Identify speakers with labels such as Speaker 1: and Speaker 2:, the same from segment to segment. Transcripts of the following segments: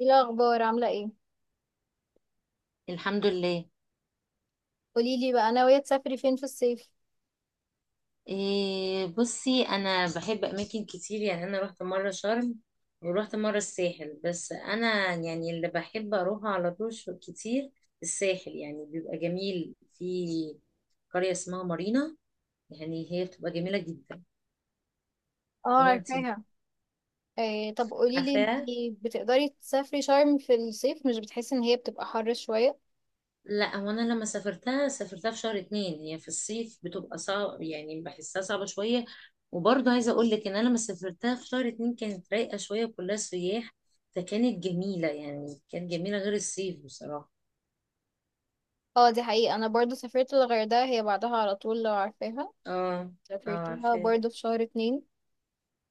Speaker 1: ايه الاخبار عامله ايه؟
Speaker 2: الحمد لله.
Speaker 1: قولي لي بقى، ناويه تسافري فين في الصيف؟
Speaker 2: إيه، بصي انا بحب اماكن كتير، يعني انا رحت مره شرم ورحت مره الساحل، بس انا يعني اللي بحب اروحه على طول كتير الساحل، يعني بيبقى جميل في قريه اسمها مارينا، يعني هي بتبقى جميله جدا.
Speaker 1: اه،
Speaker 2: وانتي
Speaker 1: عارفاها. إيه، طب قولي لي،
Speaker 2: عارفاها؟
Speaker 1: انتي بتقدري تسافري شرم في الصيف؟ مش بتحسي ان هي بتبقى حر شويه؟
Speaker 2: لا هو انا لما سافرتها سافرتها في شهر 2، هي في الصيف بتبقى صعب، يعني بحسها صعبة شوية. وبرضه عايزة اقول لك ان انا لما سافرتها في شهر اتنين كانت رايقة شوية، كلها سياح، فكانت جميلة، يعني كانت جميلة غير الصيف بصراحة.
Speaker 1: اه، دي حقيقه. انا برضو سافرت الغردقه، هي بعدها على طول لو عارفاها.
Speaker 2: اه، اه
Speaker 1: سافرتها
Speaker 2: عارفاه.
Speaker 1: برضو في شهر اتنين.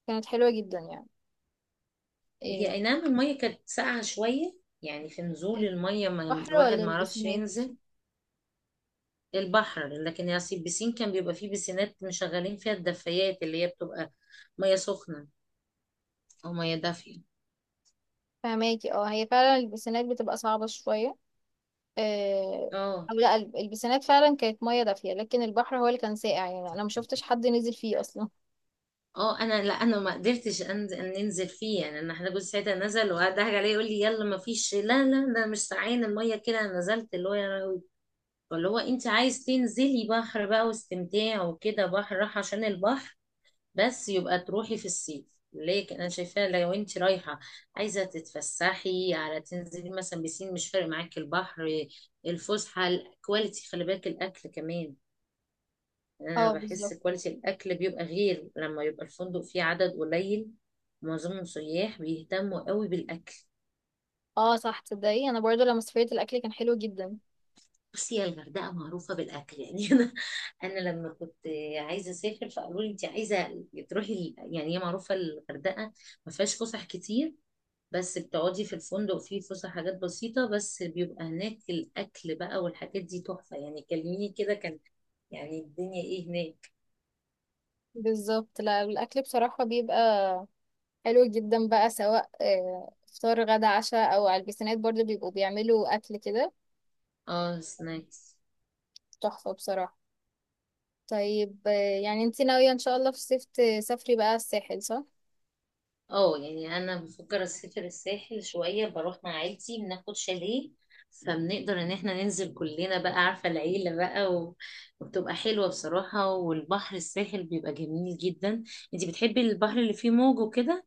Speaker 1: كانت حلوه جدا يعني.
Speaker 2: هي
Speaker 1: إيه.
Speaker 2: اي نعم المية كانت ساقعة شوية، يعني في نزول المية، ما
Speaker 1: البحر
Speaker 2: الواحد
Speaker 1: ولا
Speaker 2: ما عرفش
Speaker 1: البسينات؟
Speaker 2: ينزل البحر، لكن يعني البسين كان بيبقى فيه بسينات مشغلين فيها الدفايات، اللي هي بتبقى مية سخنة او مية دافية.
Speaker 1: فهماكي. اه هي فعلا البسينات بتبقى صعبه شويه. إيه.
Speaker 2: اه،
Speaker 1: او لا، البسينات فعلا كانت ميه دافيه، لكن البحر هو اللي كان ساقع، يعني انا ما شفتش حد نزل فيه اصلا.
Speaker 2: اه انا ما قدرتش انزل ننزل فيه، يعني انا احنا جوز ساعتها نزل وضحك عليه يقول لي يلا، ما فيش، لا لا ده مش ساعين الميه كده، أنا نزلت اللي هو يا لهوي. فاللي هو انت عايز تنزلي بحر بقى واستمتاع وكده بحر، راح عشان البحر بس، يبقى تروحي في الصيف. لكن انا شايفاه لو انت رايحه عايزه تتفسحي على تنزلي مثلا بسين، مش فارق معاكي البحر. الفسحه الكواليتي، خلي بالك الاكل كمان، انا
Speaker 1: اه،
Speaker 2: بحس
Speaker 1: بالظبط.
Speaker 2: كواليتي الاكل بيبقى غير لما يبقى الفندق فيه عدد قليل معظمهم سياح بيهتموا قوي بالاكل.
Speaker 1: اه صح، تصدقي انا برضو لما سافرت الاكل كان حلو جدا.
Speaker 2: بصي يا الغردقه معروفه بالاكل يعني، انا لما كنت عايزه اسافر فقالوا لي انت عايزه تروحي يعني هي معروفه الغردقه، ما فيهاش فسح كتير، بس بتقعدي في الفندق فيه فسح، حاجات بسيطه، بس بيبقى هناك الاكل بقى والحاجات دي تحفه، يعني كلميني كده، كان يعني الدنيا ايه هناك.
Speaker 1: بالظبط. لا الاكل بصراحه بيبقى حلو جدا بقى، سواء فطار غدا عشاء، او على البيسينات برضو بيبقوا بيعملوا اكل كده.
Speaker 2: اه سناكس.
Speaker 1: تحفه بصراحه. طيب. يعني انتي ناويه ان شاء الله في الصيف تسافري بقى الساحل، صح؟
Speaker 2: اه يعني انا بفكر اسافر الساحل شويه، بروح مع عيلتي، بناخد شاليه، فبنقدر ان احنا ننزل كلنا بقى، عارفه العيله بقى وبتبقى حلوه بصراحه، والبحر الساحل بيبقى جميل جدا. انتي بتحبي البحر اللي فيه موج وكده؟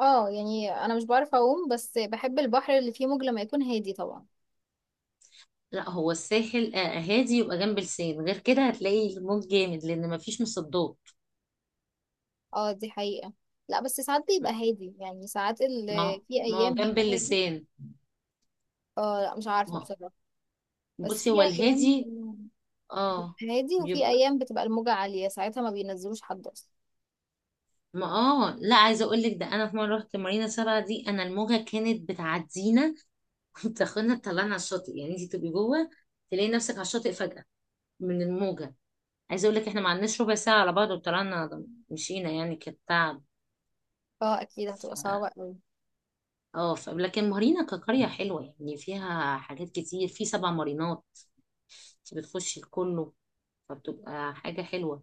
Speaker 1: اه يعني انا مش بعرف اعوم، بس بحب البحر اللي فيه موج لما يكون هادي طبعا.
Speaker 2: لا هو الساحل هادي يبقى جنب لسان، غير كده هتلاقي الموج جامد لان مفيش مصدات.
Speaker 1: اه، دي حقيقه. لا بس ساعات
Speaker 2: ما
Speaker 1: بيبقى هادي، يعني ساعات
Speaker 2: ما هو
Speaker 1: في
Speaker 2: ما هو
Speaker 1: ايام
Speaker 2: جنب
Speaker 1: بيبقى هادي.
Speaker 2: اللسان.
Speaker 1: اه لا، مش عارفه
Speaker 2: ما هو
Speaker 1: بصراحه. بس
Speaker 2: بصي
Speaker 1: في
Speaker 2: هو
Speaker 1: ايام
Speaker 2: الهادي. اه
Speaker 1: هادي، وفي
Speaker 2: بيبقى
Speaker 1: ايام بتبقى الموجة عالية، ساعتها ما بينزلوش حد اصلا.
Speaker 2: ما اه لا، عايزه اقول لك ده انا في مره رحت مارينا 7 دي، انا الموجه كانت بتعدينا وبتاخدنا تطلعنا على الشاطئ، يعني انت تبقي جوه تلاقي نفسك على الشاطئ فجاه من الموجه. عايزه اقول لك احنا ما عندناش ربع ساعة على بعض وطلعنا مشينا، يعني كانت تعب.
Speaker 1: اه اكيد هتبقى
Speaker 2: ف-
Speaker 1: صعبة قوي.
Speaker 2: لكن مارينا كقريه حلوه، يعني فيها حاجات كتير، في 7 مارينات انت بتخشي لكله، فبتبقى حاجه حلوه.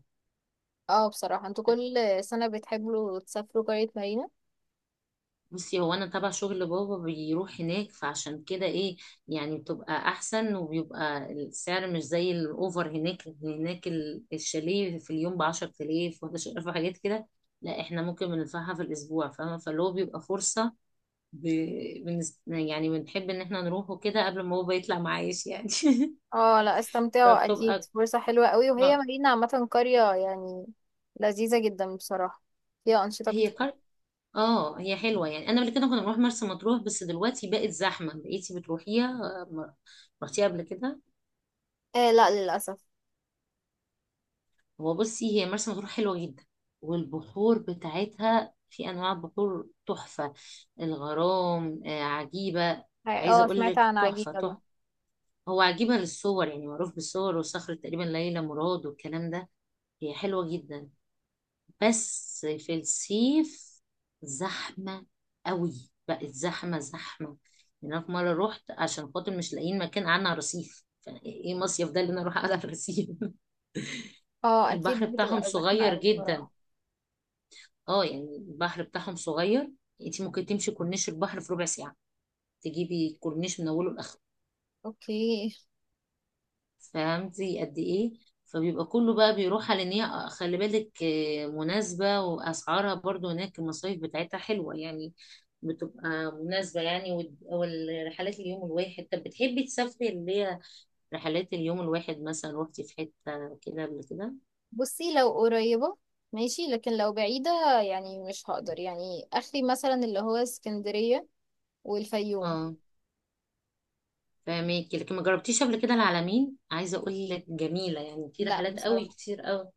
Speaker 1: اه بصراحة، انتوا كل سنة بتحبوا تسافروا قرية مارينا؟
Speaker 2: بصي هو انا تبع شغل بابا بيروح هناك، فعشان كده ايه يعني بتبقى احسن، وبيبقى السعر مش زي الاوفر هناك. هناك الشاليه في اليوم ب 10000 و11000 وحاجات كده، لا احنا ممكن بندفعها في الاسبوع، فاهمه؟ فاللي هو بيبقى فرصه ب... يعني بنحب ان احنا نروحه كده قبل ما بابا يطلع معايش يعني.
Speaker 1: اه لا، استمتعوا، اكيد
Speaker 2: فبتبقى
Speaker 1: فرصة حلوة قوي، وهي
Speaker 2: آه،
Speaker 1: مارينا عامة قرية يعني لذيذة جدا بصراحة، فيها أنشطة
Speaker 2: هي
Speaker 1: كتير.
Speaker 2: كار... اه هي حلوه. يعني انا قبل كده كنا بنروح مرسى مطروح، بس دلوقتي بقت زحمه. بقيتي بتروحيها رحتيها قبل كده؟
Speaker 1: آه لا، للأسف.
Speaker 2: هو بصي هي مرسى مطروح حلوة جدا، والبحور بتاعتها في أنواع بحور تحفة، الغرام عجيبة. عايزة
Speaker 1: اه،
Speaker 2: أقول
Speaker 1: سمعت
Speaker 2: لك
Speaker 1: عن
Speaker 2: تحفة
Speaker 1: عجيبة ده.
Speaker 2: تحفة. هو عجيبة للصور، يعني معروف بالصور وصخرة تقريبا ليلى مراد والكلام ده. هي حلوة جدا بس في الصيف زحمة قوي، بقت زحمة زحمة. يعني أنا في مرة رحت عشان خاطر مش لاقيين مكان قعدنا على الرصيف، فإيه مصيف ده اللي أنا أروح أقعد على الرصيف؟
Speaker 1: اه
Speaker 2: البحر
Speaker 1: اكيد
Speaker 2: بتاعهم
Speaker 1: بتبقى زحمة
Speaker 2: صغير
Speaker 1: قوي
Speaker 2: جدا،
Speaker 1: بصراحة.
Speaker 2: اه يعني البحر بتاعهم صغير، انت ممكن تمشي كورنيش البحر في ربع ساعة، تجيبي الكورنيش من اوله لاخره،
Speaker 1: اوكي.
Speaker 2: فهمتي قد ايه؟ فبيبقى كله بقى بيروح على ان هي، خلي بالك مناسبة واسعارها برضو هناك، المصايف بتاعتها حلوة يعني، بتبقى مناسبة يعني. والرحلات اليوم الواحد، طب بتحبي تسافري اللي هي رحلات اليوم الواحد؟ مثلا روحتي في حتة كده قبل كده؟
Speaker 1: بصي لو قريبة ماشي، لكن لو بعيدة يعني مش هقدر، يعني اخري مثلا اللي هو اسكندرية والفيوم.
Speaker 2: اه فاهمك. لكن ما جربتيش قبل كده العلمين؟ عايزة اقول لك جميلة، يعني في
Speaker 1: لا
Speaker 2: رحلات قوي
Speaker 1: بصراحة.
Speaker 2: كتير قوي.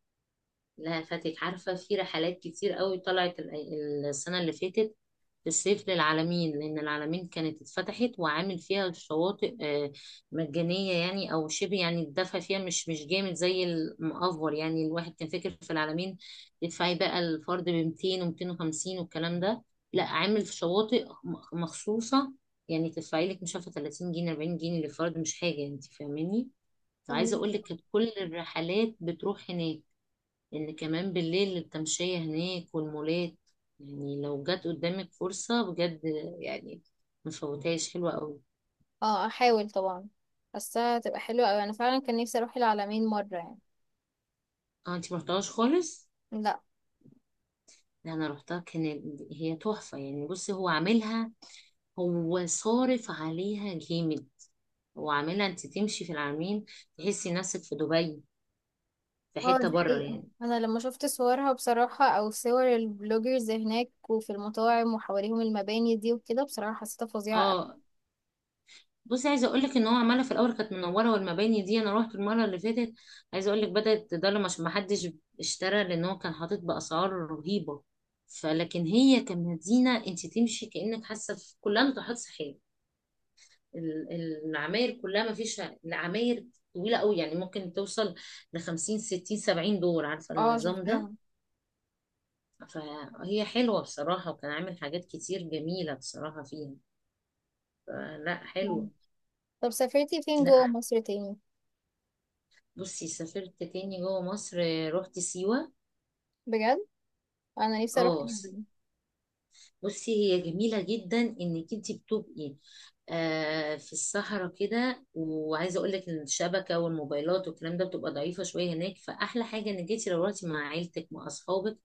Speaker 2: لا فاتك؟ عارفة في رحلات كتير قوي طلعت السنة اللي فاتت في الصيف للعلمين، لأن العلمين كانت اتفتحت وعامل فيها الشواطئ مجانية يعني أو شبه، يعني الدفع فيها مش جامد زي المأفور. يعني الواحد كان فاكر في العلمين تدفعي بقى الفرد ب 200 و250 والكلام ده، لا عامل في شواطئ مخصوصة، يعني تدفعي لك مش عارفة 30 جنيه 40 جنيه للفرد، مش حاجة، انت فاهماني. عايزة
Speaker 1: فاهمة.
Speaker 2: اقول لك كانت كل الرحلات بتروح هناك، لأن كمان بالليل التمشية هناك والمولات، يعني لو جت قدامك فرصة بجد يعني مفوتهاش، حلوة قوي.
Speaker 1: اه احاول طبعا، بس هتبقى حلوة اوي، انا فعلا كان نفسي اروح العلمين مرة يعني.
Speaker 2: اه انتي مرحتهاش خالص؟
Speaker 1: لا.
Speaker 2: لا انا رحتها كانت هي تحفة. يعني بصي هو عاملها، هو صارف عليها جامد. هو عاملها انت تمشي في العالمين تحسي نفسك في دبي، في
Speaker 1: اه
Speaker 2: حتة
Speaker 1: دي
Speaker 2: بره
Speaker 1: حقيقة،
Speaker 2: يعني.
Speaker 1: انا لما شفت صورها بصراحة او صور البلوجرز هناك وفي المطاعم وحواليهم المباني دي وكده، بصراحة حسيتها فظيعة اوي.
Speaker 2: اه بصي عايزه اقول لك ان هو عماله، في الاول كانت منوره والمباني دي، انا رحت المره اللي فاتت، عايزه اقول لك بدات تضلم عشان ما حدش اشترى، لان هو كان حاطط باسعار رهيبه. فلكن هي كمدينه انت تمشي كانك حاسه في كلها ناطحات سحاب، ال- العماير كلها، ما فيش العماير طويله قوي يعني، ممكن توصل ل 50 60 70 دور، عارفه
Speaker 1: اه
Speaker 2: النظام ده؟
Speaker 1: شفتها.
Speaker 2: فهي حلوه بصراحه، وكان عامل حاجات كتير جميله بصراحه فيها، فلا حلوه.
Speaker 1: طب سافرتي فين
Speaker 2: لا
Speaker 1: جوه مصر تاني؟
Speaker 2: بصي سافرت تاني جوه مصر رحت سيوة.
Speaker 1: بجد، انا نفسي اروح
Speaker 2: اه س-
Speaker 1: جدا.
Speaker 2: بصي هي جميلة جدا، انك انت بتبقي آه في الصحراء كده، وعايزة اقول لك ان الشبكة والموبايلات والكلام ده بتبقى ضعيفة شوية هناك، فاحلى حاجة انك انت لو رحتي مع عيلتك مع اصحابك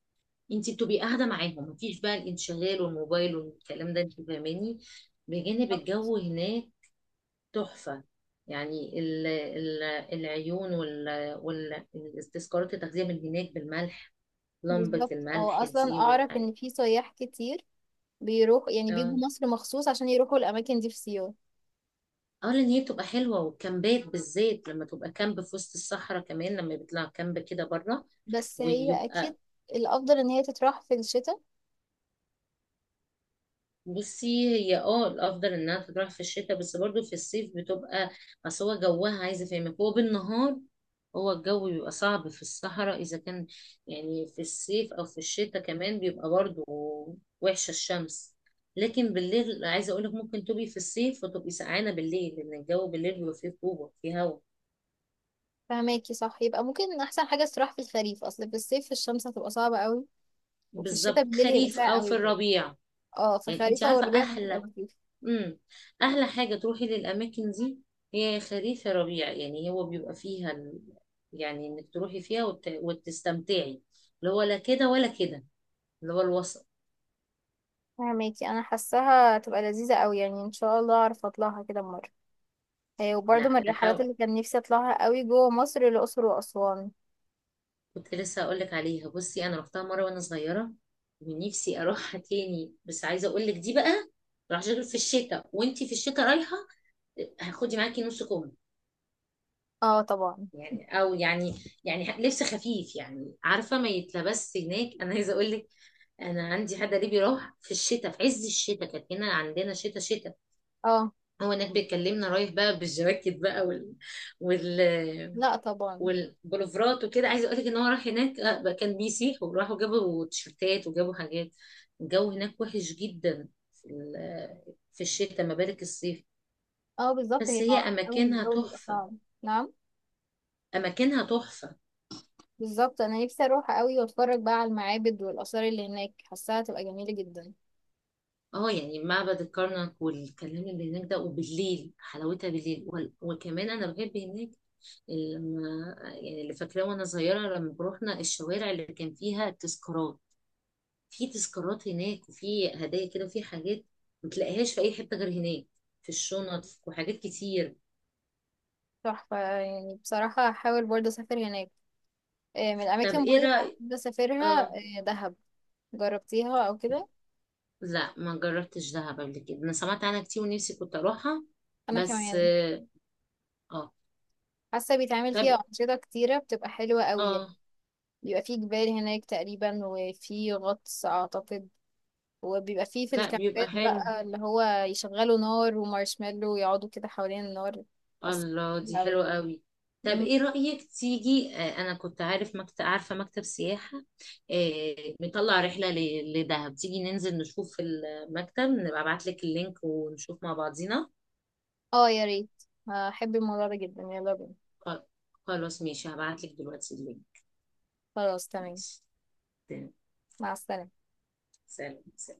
Speaker 2: انت بتبقي قاعدة معاهم، مفيش بقى الانشغال والموبايل والكلام ده، انت فاهماني، بجانب الجو هناك تحفة. يعني العيون التذكارات، التغذية من هناك بالملح، لمبة
Speaker 1: بالظبط، هو
Speaker 2: الملح
Speaker 1: اصلا
Speaker 2: دي
Speaker 1: اعرف
Speaker 2: والحاجة.
Speaker 1: ان في سياح كتير بيروح، يعني بيجوا
Speaker 2: اه،
Speaker 1: مصر مخصوص عشان يروحوا الاماكن دي في سيوة.
Speaker 2: اه لان هي بتبقى حلوة والكامبات بالذات، لما تبقى كامب في وسط الصحراء كمان لما بيطلع كامب كده بره
Speaker 1: بس هي
Speaker 2: ويبقى.
Speaker 1: اكيد الافضل ان هي تتراح في الشتاء.
Speaker 2: بصي هي اه الافضل انها تروح في الشتاء، بس برضو في الصيف بتبقى، اصل هو جوها عايزة افهمك هو بالنهار، هو الجو بيبقى صعب في الصحراء اذا كان يعني في الصيف، او في الشتاء كمان بيبقى برضو وحشة الشمس. لكن بالليل عايزه اقول لك ممكن تبقي في الصيف وتبقي سقعانه بالليل، لان الجو بالليل بيبقى فيه رطوبه، فيه هوا.
Speaker 1: فهماكي، صح، يبقى ممكن احسن حاجة تتراح في الخريف، اصل في الصيف الشمس هتبقى صعبة قوي. وفي الشتاء
Speaker 2: بالظبط
Speaker 1: بالليل هيبقى
Speaker 2: خريف
Speaker 1: ساقع
Speaker 2: او في
Speaker 1: قوي برضه.
Speaker 2: الربيع.
Speaker 1: اه
Speaker 2: يعني انت
Speaker 1: فخريفة
Speaker 2: عارفه
Speaker 1: وربيع هتبقى
Speaker 2: احلى،
Speaker 1: لطيفة.
Speaker 2: امم احلى حاجه تروحي للاماكن دي، هي خريف يا ربيع، يعني هو بيبقى فيها يعني انك تروحي فيها وتستمتعي، اللي هو لا كده ولا كده، اللي هو الوسط.
Speaker 1: فهماكي، انا حاساها هتبقى لذيذة قوي يعني، ان شاء الله اعرف اطلعها كده مرة. هي وبرضه
Speaker 2: لا
Speaker 1: من الرحلات
Speaker 2: حاول،
Speaker 1: اللي كان نفسي اطلعها قوي جوه مصر، الاقصر واسوان.
Speaker 2: كنت لسه هقول لك عليها. بصي انا رحتها مره وانا صغيره، ونفسي اروحها تاني، بس عايزه اقول لك دي بقى، راح في الشتاء وانت في الشتاء رايحه هاخدي معاكي نص كم،
Speaker 1: اه طبعا.
Speaker 2: يعني او يعني يعني لبس خفيف، يعني عارفه ما يتلبس هناك. انا عايزه اقول لك انا عندي حد قريبي راح في الشتاء في عز الشتاء، كانت هنا عندنا شتاء شتاء،
Speaker 1: اه
Speaker 2: هو هناك بيكلمنا رايح بقى بالجواكت بقى وال
Speaker 1: لا طبعا.
Speaker 2: والبلوفرات وكده، عايزه اقول لك ان هو راح هناك بقى كان بيسيح، وراحوا جابوا تيشرتات وجابوا حاجات، الجو هناك وحش جدا في في الشتاء، ما بالك الصيف.
Speaker 1: اه بالظبط،
Speaker 2: بس
Speaker 1: هي
Speaker 2: هي
Speaker 1: معروفة قوي ان
Speaker 2: اماكنها
Speaker 1: الجو بيبقى
Speaker 2: تحفه،
Speaker 1: صعب، نعم.
Speaker 2: اماكنها تحفه.
Speaker 1: بالظبط، انا نفسي اروح قوي واتفرج بقى على المعابد والاثار اللي هناك، حاساها تبقى جميلة جدا.
Speaker 2: اه يعني معبد الكرنك والكلام اللي هناك ده، وبالليل حلاوتها بالليل. وكمان انا بحب هناك لما يعني، اللي فاكراه وانا صغيره لما بروحنا الشوارع اللي كان فيها تذكارات، في تذكارات هناك وفي هدايا كده وفي حاجات ما تلاقيهاش في اي حته غير هناك، في الشنط وحاجات كتير.
Speaker 1: تحفة يعني، بصراحة هحاول برضه اسافر هناك. آه، من
Speaker 2: طب
Speaker 1: الاماكن برضه
Speaker 2: ايه
Speaker 1: اللي
Speaker 2: رايك؟
Speaker 1: بحب اسافرها
Speaker 2: اه
Speaker 1: دهب، جربتيها او كده؟
Speaker 2: لا ما جربتش دهب قبل كده، انا سمعت عنها كتير ونفسي كنت اروحها،
Speaker 1: انا
Speaker 2: بس
Speaker 1: كمان.
Speaker 2: اه آه.
Speaker 1: حاسة بيتعمل
Speaker 2: طب
Speaker 1: فيها انشطة كتيرة بتبقى حلوة قوي يعني.
Speaker 2: اه
Speaker 1: بيبقى فيه جبال هناك تقريبا، وفي غطس اعتقد، وبيبقى فيه في
Speaker 2: لا بيبقى
Speaker 1: الكامبات
Speaker 2: حلو،
Speaker 1: بقى اللي هو يشغلوا نار ومارشميلو ويقعدوا كده حوالين النار. حاسة.
Speaker 2: الله دي حلوة قوي. طب
Speaker 1: م-
Speaker 2: ايه رأيك تيجي انا كنت عارف مكتب عارفة مكتب سياحة مطلع رحلة لدهب، تيجي ننزل نشوف المكتب، نبقى ابعت لك اللينك ونشوف مع بعضينا؟
Speaker 1: اه يا ريت، هحب الموضوع ده جدا، يلا بينا.
Speaker 2: خ- خلاص ماشي، هبعت لك دلوقتي اللينك.
Speaker 1: خلاص تمام.
Speaker 2: ماشي. تمام.
Speaker 1: مع السلامة.
Speaker 2: سلام سلام.